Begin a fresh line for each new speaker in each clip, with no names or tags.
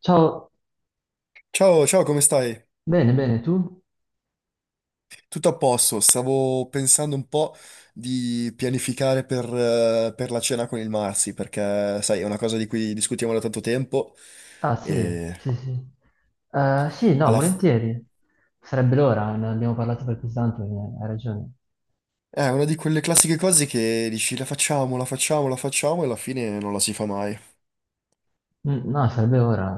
Ciao,
Ciao, ciao, come stai?
bene, bene, tu?
Tutto a posto, stavo pensando un po' di pianificare per la cena con il Marsi, perché sai, è una cosa di cui discutiamo da tanto tempo
Ah, sì,
e
sì, sì. Sì, no,
alla f-
volentieri. Sarebbe l'ora, ne abbiamo parlato per così tanto, hai ragione.
è una di quelle classiche cose che dici la facciamo, la facciamo, la facciamo e alla fine non la si fa mai.
Mm, no, sarebbe ora,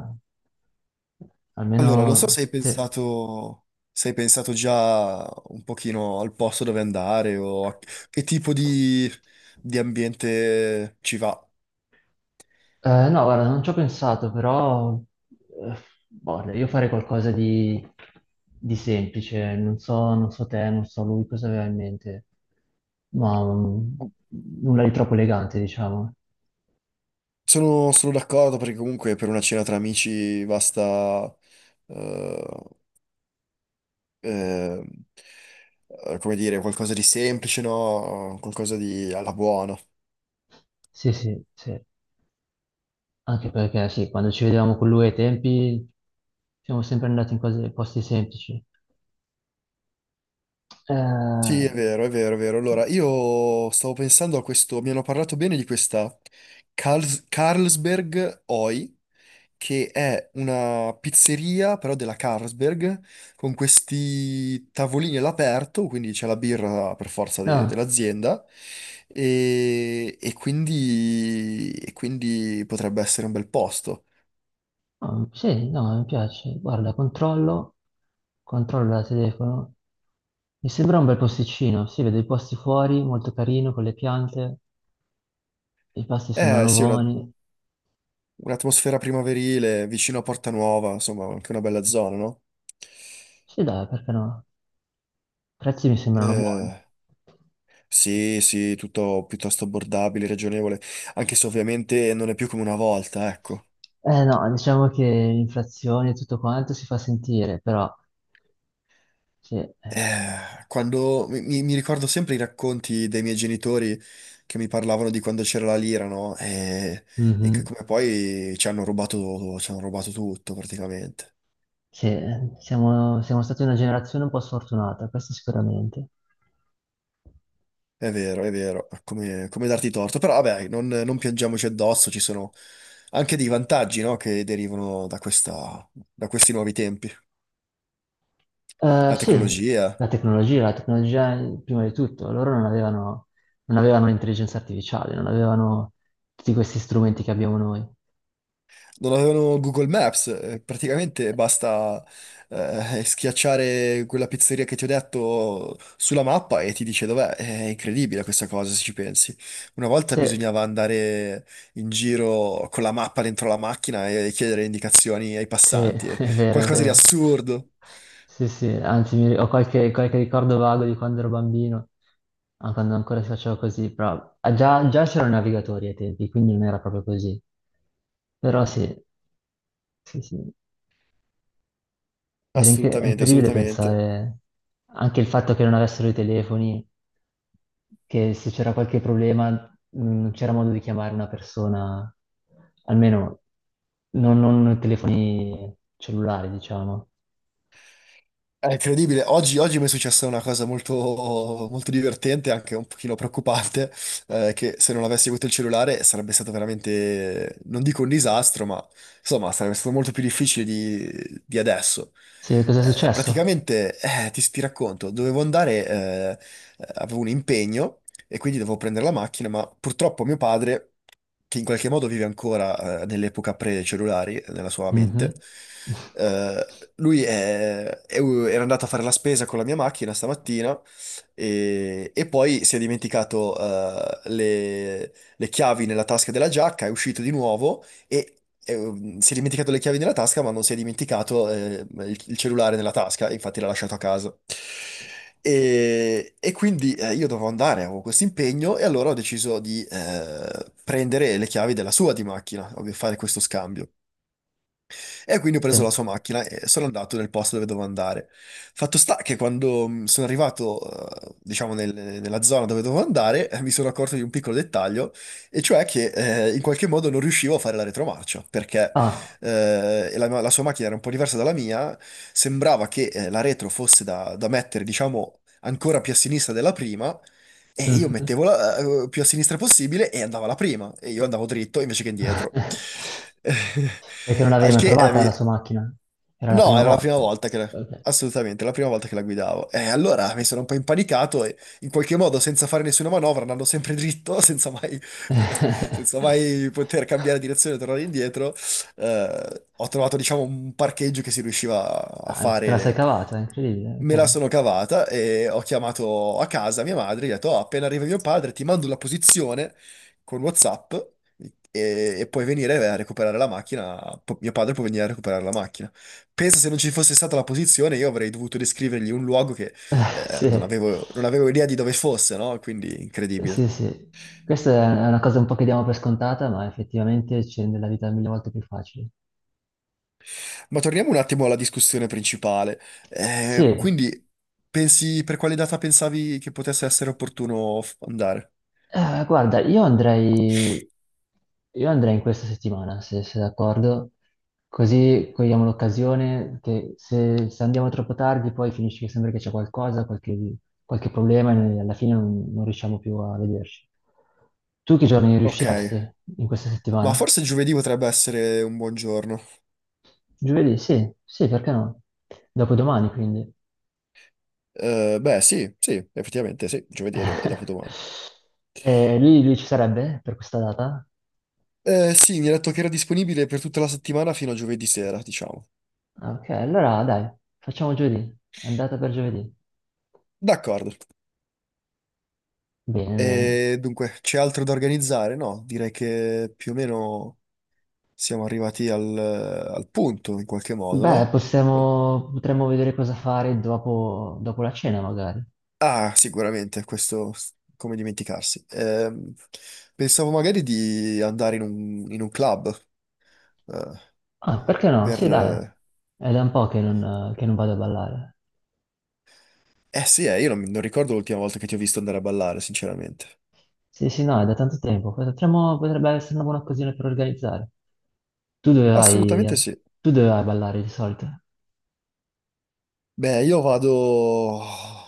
Allora, non so
almeno.
se hai
Sì.
pensato, se hai pensato già un pochino al posto dove andare o a che di ambiente ci va.
No, guarda, non ci ho pensato, però, eh, boh, io farei qualcosa di semplice, non so, non so te, non so lui cosa aveva in mente, ma nulla di troppo elegante, diciamo.
Sono d'accordo perché comunque per una cena tra amici basta, eh, eh, come dire, qualcosa di semplice, no? Qualcosa di alla buona.
Sì, sì, sì. Anche perché sì, quando ci vedevamo con lui ai tempi siamo sempre andati in cose, posti semplici.
Sì, è
Eh,
vero, è vero, è vero. Allora,
sì.
io stavo pensando a questo, mi hanno parlato bene di questa Carlsberg Oi, che è una pizzeria, però della Carlsberg, con questi tavolini all'aperto, quindi c'è la birra per forza
No,
dell'azienda, e quindi potrebbe essere un bel posto.
no, sì, no, mi piace. Guarda, controllo da telefono. Mi sembra un bel posticino, si vede i posti fuori, molto carino, con le piante, i pasti
Eh
sembrano
sì,
buoni.
un'atmosfera primaverile, vicino a Porta Nuova, insomma, anche una bella zona, no?
Sì, dai, perché no? I prezzi mi sembrano buoni.
Eh, sì, sì, tutto piuttosto abbordabile, ragionevole, anche se ovviamente non è più come una volta, ecco.
Eh no, diciamo che l'inflazione e tutto quanto si fa sentire, però sì, eh.
Mi ricordo sempre i racconti dei miei genitori che mi parlavano di quando c'era la lira, no? E che
Mhm.
come poi ci hanno rubato tutto praticamente.
Sì, siamo stati una generazione un po' sfortunata, questo sicuramente.
È vero, come, come darti torto. Però vabbè, non piangiamoci addosso, ci sono anche dei vantaggi, no? Che derivano da da questi nuovi tempi. La
Sì,
tecnologia.
la tecnologia prima di tutto, loro non avevano l'intelligenza artificiale, non avevano tutti questi strumenti che abbiamo noi.
Non avevano Google Maps, praticamente basta schiacciare quella pizzeria che ti ho detto sulla mappa e ti dice dov'è. È incredibile questa cosa, se ci pensi. Una volta
Se-
bisognava andare in giro con la mappa dentro la macchina e chiedere indicazioni ai
Sì,
passanti, eh,
è vero, è
qualcosa di
vero.
assurdo.
Sì, sì, anzi ho qualche ricordo vago di quando ero bambino, ah, quando ancora si faceva così, però ah, già c'erano i navigatori ai tempi, quindi non era proprio così. Però sì, sì, sì, era è
Assolutamente,
incredibile
assolutamente.
pensare anche il fatto che non avessero i telefoni, che se c'era qualche problema non c'era modo di chiamare una persona, almeno non telefoni cellulari, diciamo.
È incredibile. Oggi, oggi mi è successa una cosa molto, molto divertente, anche un pochino preoccupante, che se non avessi avuto il cellulare sarebbe stato veramente, non dico un disastro, ma insomma sarebbe stato molto più difficile di adesso.
Sì, cosa è successo?
Praticamente, ti racconto, dovevo andare, avevo un impegno e quindi dovevo prendere la macchina, ma purtroppo mio padre che in qualche modo vive ancora nell'epoca pre-cellulari, nella sua mente.
Mhm.
Eh, lui era andato a fare la spesa con la mia macchina stamattina e poi si è dimenticato le chiavi nella tasca della giacca, è uscito di nuovo e si è dimenticato le chiavi nella tasca, ma non si è dimenticato il cellulare nella tasca, infatti l'ha lasciato a casa. Io dovevo andare, avevo questo impegno, e allora ho deciso di prendere le chiavi della sua di macchina, ovvio, fare questo scambio. E quindi ho preso la
Sì.
sua macchina e sono andato nel posto dove dovevo andare. Fatto sta che quando sono arrivato, diciamo, nella zona dove dovevo andare, mi sono accorto di un piccolo dettaglio, e cioè che in qualche modo non riuscivo a fare la retromarcia, perché
Ah,
la sua macchina era un po' diversa dalla mia, sembrava che la retro fosse da mettere, diciamo, ancora più a sinistra della prima, e io
mhm.
mettevo la più a sinistra possibile e andava la prima, e io andavo dritto invece che indietro.
Perché non l'avevi
Al
mai
che eh,
provata la
mi-
sua macchina? Era la
No,
prima
era la
volta.
prima volta che la...
Ok.
Assolutamente, la prima volta che la guidavo. E allora mi sono un po' impanicato e in qualche modo, senza fare nessuna manovra, andando sempre dritto, senza mai, senza mai poter cambiare direzione e tornare indietro, ho trovato, diciamo, un parcheggio che si riusciva a
Ah, te la sei
fare.
cavata, è incredibile.
Me la
Ok.
sono cavata e ho chiamato a casa mia madre, gli ho detto, "Oh, appena arriva mio padre, ti mando la posizione con WhatsApp e puoi venire a recuperare la macchina. Mio padre può venire a recuperare la macchina. Pensa se non ci fosse stata la posizione, io avrei dovuto descrivergli un luogo che non
Sì.
avevo, non avevo idea di dove fosse, no? Quindi incredibile.
Sì, sì, questa è una cosa un po' che diamo per scontata, ma effettivamente ci rende la vita mille volte più facile.
Ma torniamo un attimo alla discussione principale.
Sì,
Quindi, pensi per quale data pensavi che potesse essere opportuno andare?
guarda, io andrei in questa settimana, se sei d'accordo, così cogliamo l'occasione che se andiamo troppo tardi poi finisce che sembra che c'è qualcosa, qualche problema e noi alla fine non riusciamo più a vederci. Tu che giorni
Ok,
riusciresti in questa
ma
settimana?
forse giovedì potrebbe essere un buon giorno.
Giovedì? Sì, sì, perché no? Dopodomani, quindi.
Beh, sì, sì, effettivamente sì, giovedì è dopodomani.
E lui ci sarebbe per questa data?
Sì, mi ha detto che era disponibile per tutta la settimana fino a giovedì sera, diciamo.
Ok, allora dai, facciamo giovedì, andata per giovedì.
D'accordo.
Bene, bene.
E dunque, c'è altro da organizzare? No, direi che più o meno siamo arrivati al punto in qualche modo,
Beh,
no? Oh,
potremmo vedere cosa fare dopo, dopo la cena magari.
ah, sicuramente, come dimenticarsi. Pensavo magari di andare in in un club, eh,
Ah, perché no? Sì,
per...
dai.
Eh,
È da un po' che non vado a ballare.
eh sì, io non, mi- non ricordo l'ultima volta che ti ho visto andare a ballare, sinceramente.
Sì, sì, no, è da tanto tempo. Potrebbe essere una buona occasione per organizzare. Tu dove vai?
Assolutamente
Eh?
sì.
Tu dove vai a ballare di solito?
Beh, io vado...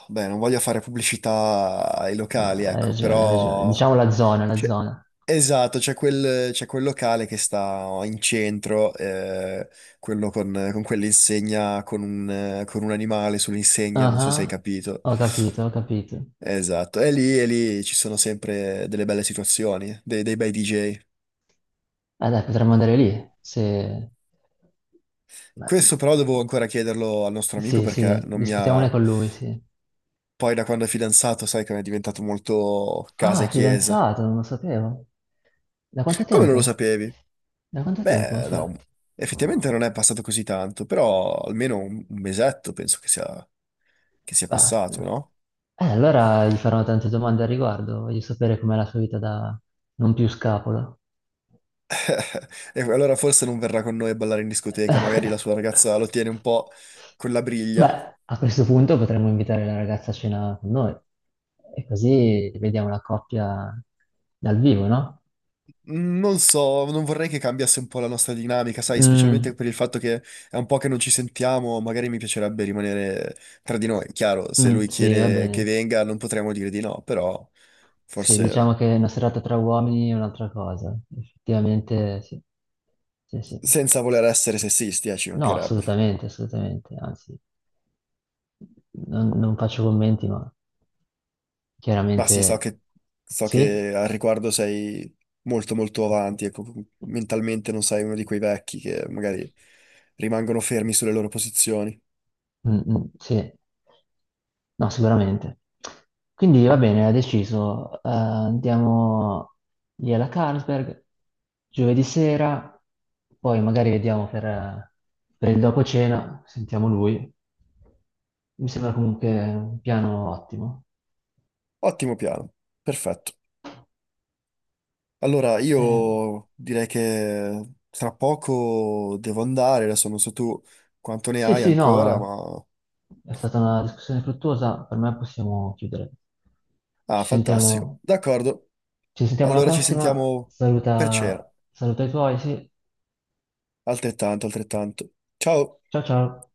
Beh, non voglio fare pubblicità ai
No,
locali,
hai
ecco,
ragione, hai ragione.
però...
Diciamo la zona, la
C'è-
zona.
Esatto, c'è quel locale che sta in centro, quello con quell'insegna, con con un animale sull'insegna, non so se hai
Ah,
capito.
ho capito, ho capito.
Esatto, e lì ci sono sempre delle belle situazioni, dei bei DJ.
Dai, potremmo andare lì, se. ma-
Questo però devo ancora chiederlo al nostro amico
Sì,
perché
sì,
non mi
discutiamone
ha...
con lui, sì.
Poi da quando è fidanzato sai che è diventato molto
Ah,
casa
è
e chiesa.
fidanzato, non lo sapevo. Da quanto
Come non lo
tempo?
sapevi?
Da quanto tempo?
Beh, no,
Aspetta.
effettivamente non è passato così tanto, però almeno un mesetto penso che sia
Beh,
passato,
no.
no?
Allora gli farò tante domande al riguardo, voglio sapere com'è la sua vita da non più scapolo.
E allora forse non verrà con noi a ballare in discoteca, magari la sua ragazza lo tiene un po' con la briglia.
Beh, a questo punto potremmo invitare la ragazza a cena con noi e così vediamo la coppia dal vivo, no?
Mm, non so, non vorrei che cambiasse un po' la nostra dinamica, sai, specialmente
Mm,
per il fatto che è un po' che non ci sentiamo, magari mi piacerebbe rimanere tra di noi. Chiaro, se
mm,
lui
sì, va
chiede che
bene.
venga non potremo dire di no, però
Sì,
forse
diciamo che una serata tra uomini è un'altra cosa. Effettivamente, sì. Sì, sì.
senza voler essere sessisti, ci
No,
mancherebbe.
assolutamente, assolutamente. Anzi, non faccio commenti, ma
Ma sì,
chiaramente
so
sì.
che al riguardo sei molto molto avanti, ecco, mentalmente non sei uno di quei vecchi che magari rimangono fermi sulle loro posizioni.
Mm, mm, sì, no, sicuramente. Quindi va bene, ha deciso. Andiamo lì alla Carlsberg giovedì sera, poi magari vediamo per il dopo cena, sentiamo lui. Mi sembra comunque un piano ottimo.
Ottimo piano, perfetto. Allora,
Eh,
io direi che tra poco devo andare, adesso non so tu quanto ne
sì,
hai
sì,
ancora,
no,
ma...
è stata una discussione fruttuosa, per me possiamo chiudere. Ci
Ah, fantastico.
sentiamo,
D'accordo,
ci sentiamo alla
allora ci
prossima,
sentiamo per cena.
saluta, saluta i tuoi, sì,
Altrettanto, altrettanto. Ciao!
ciao ciao.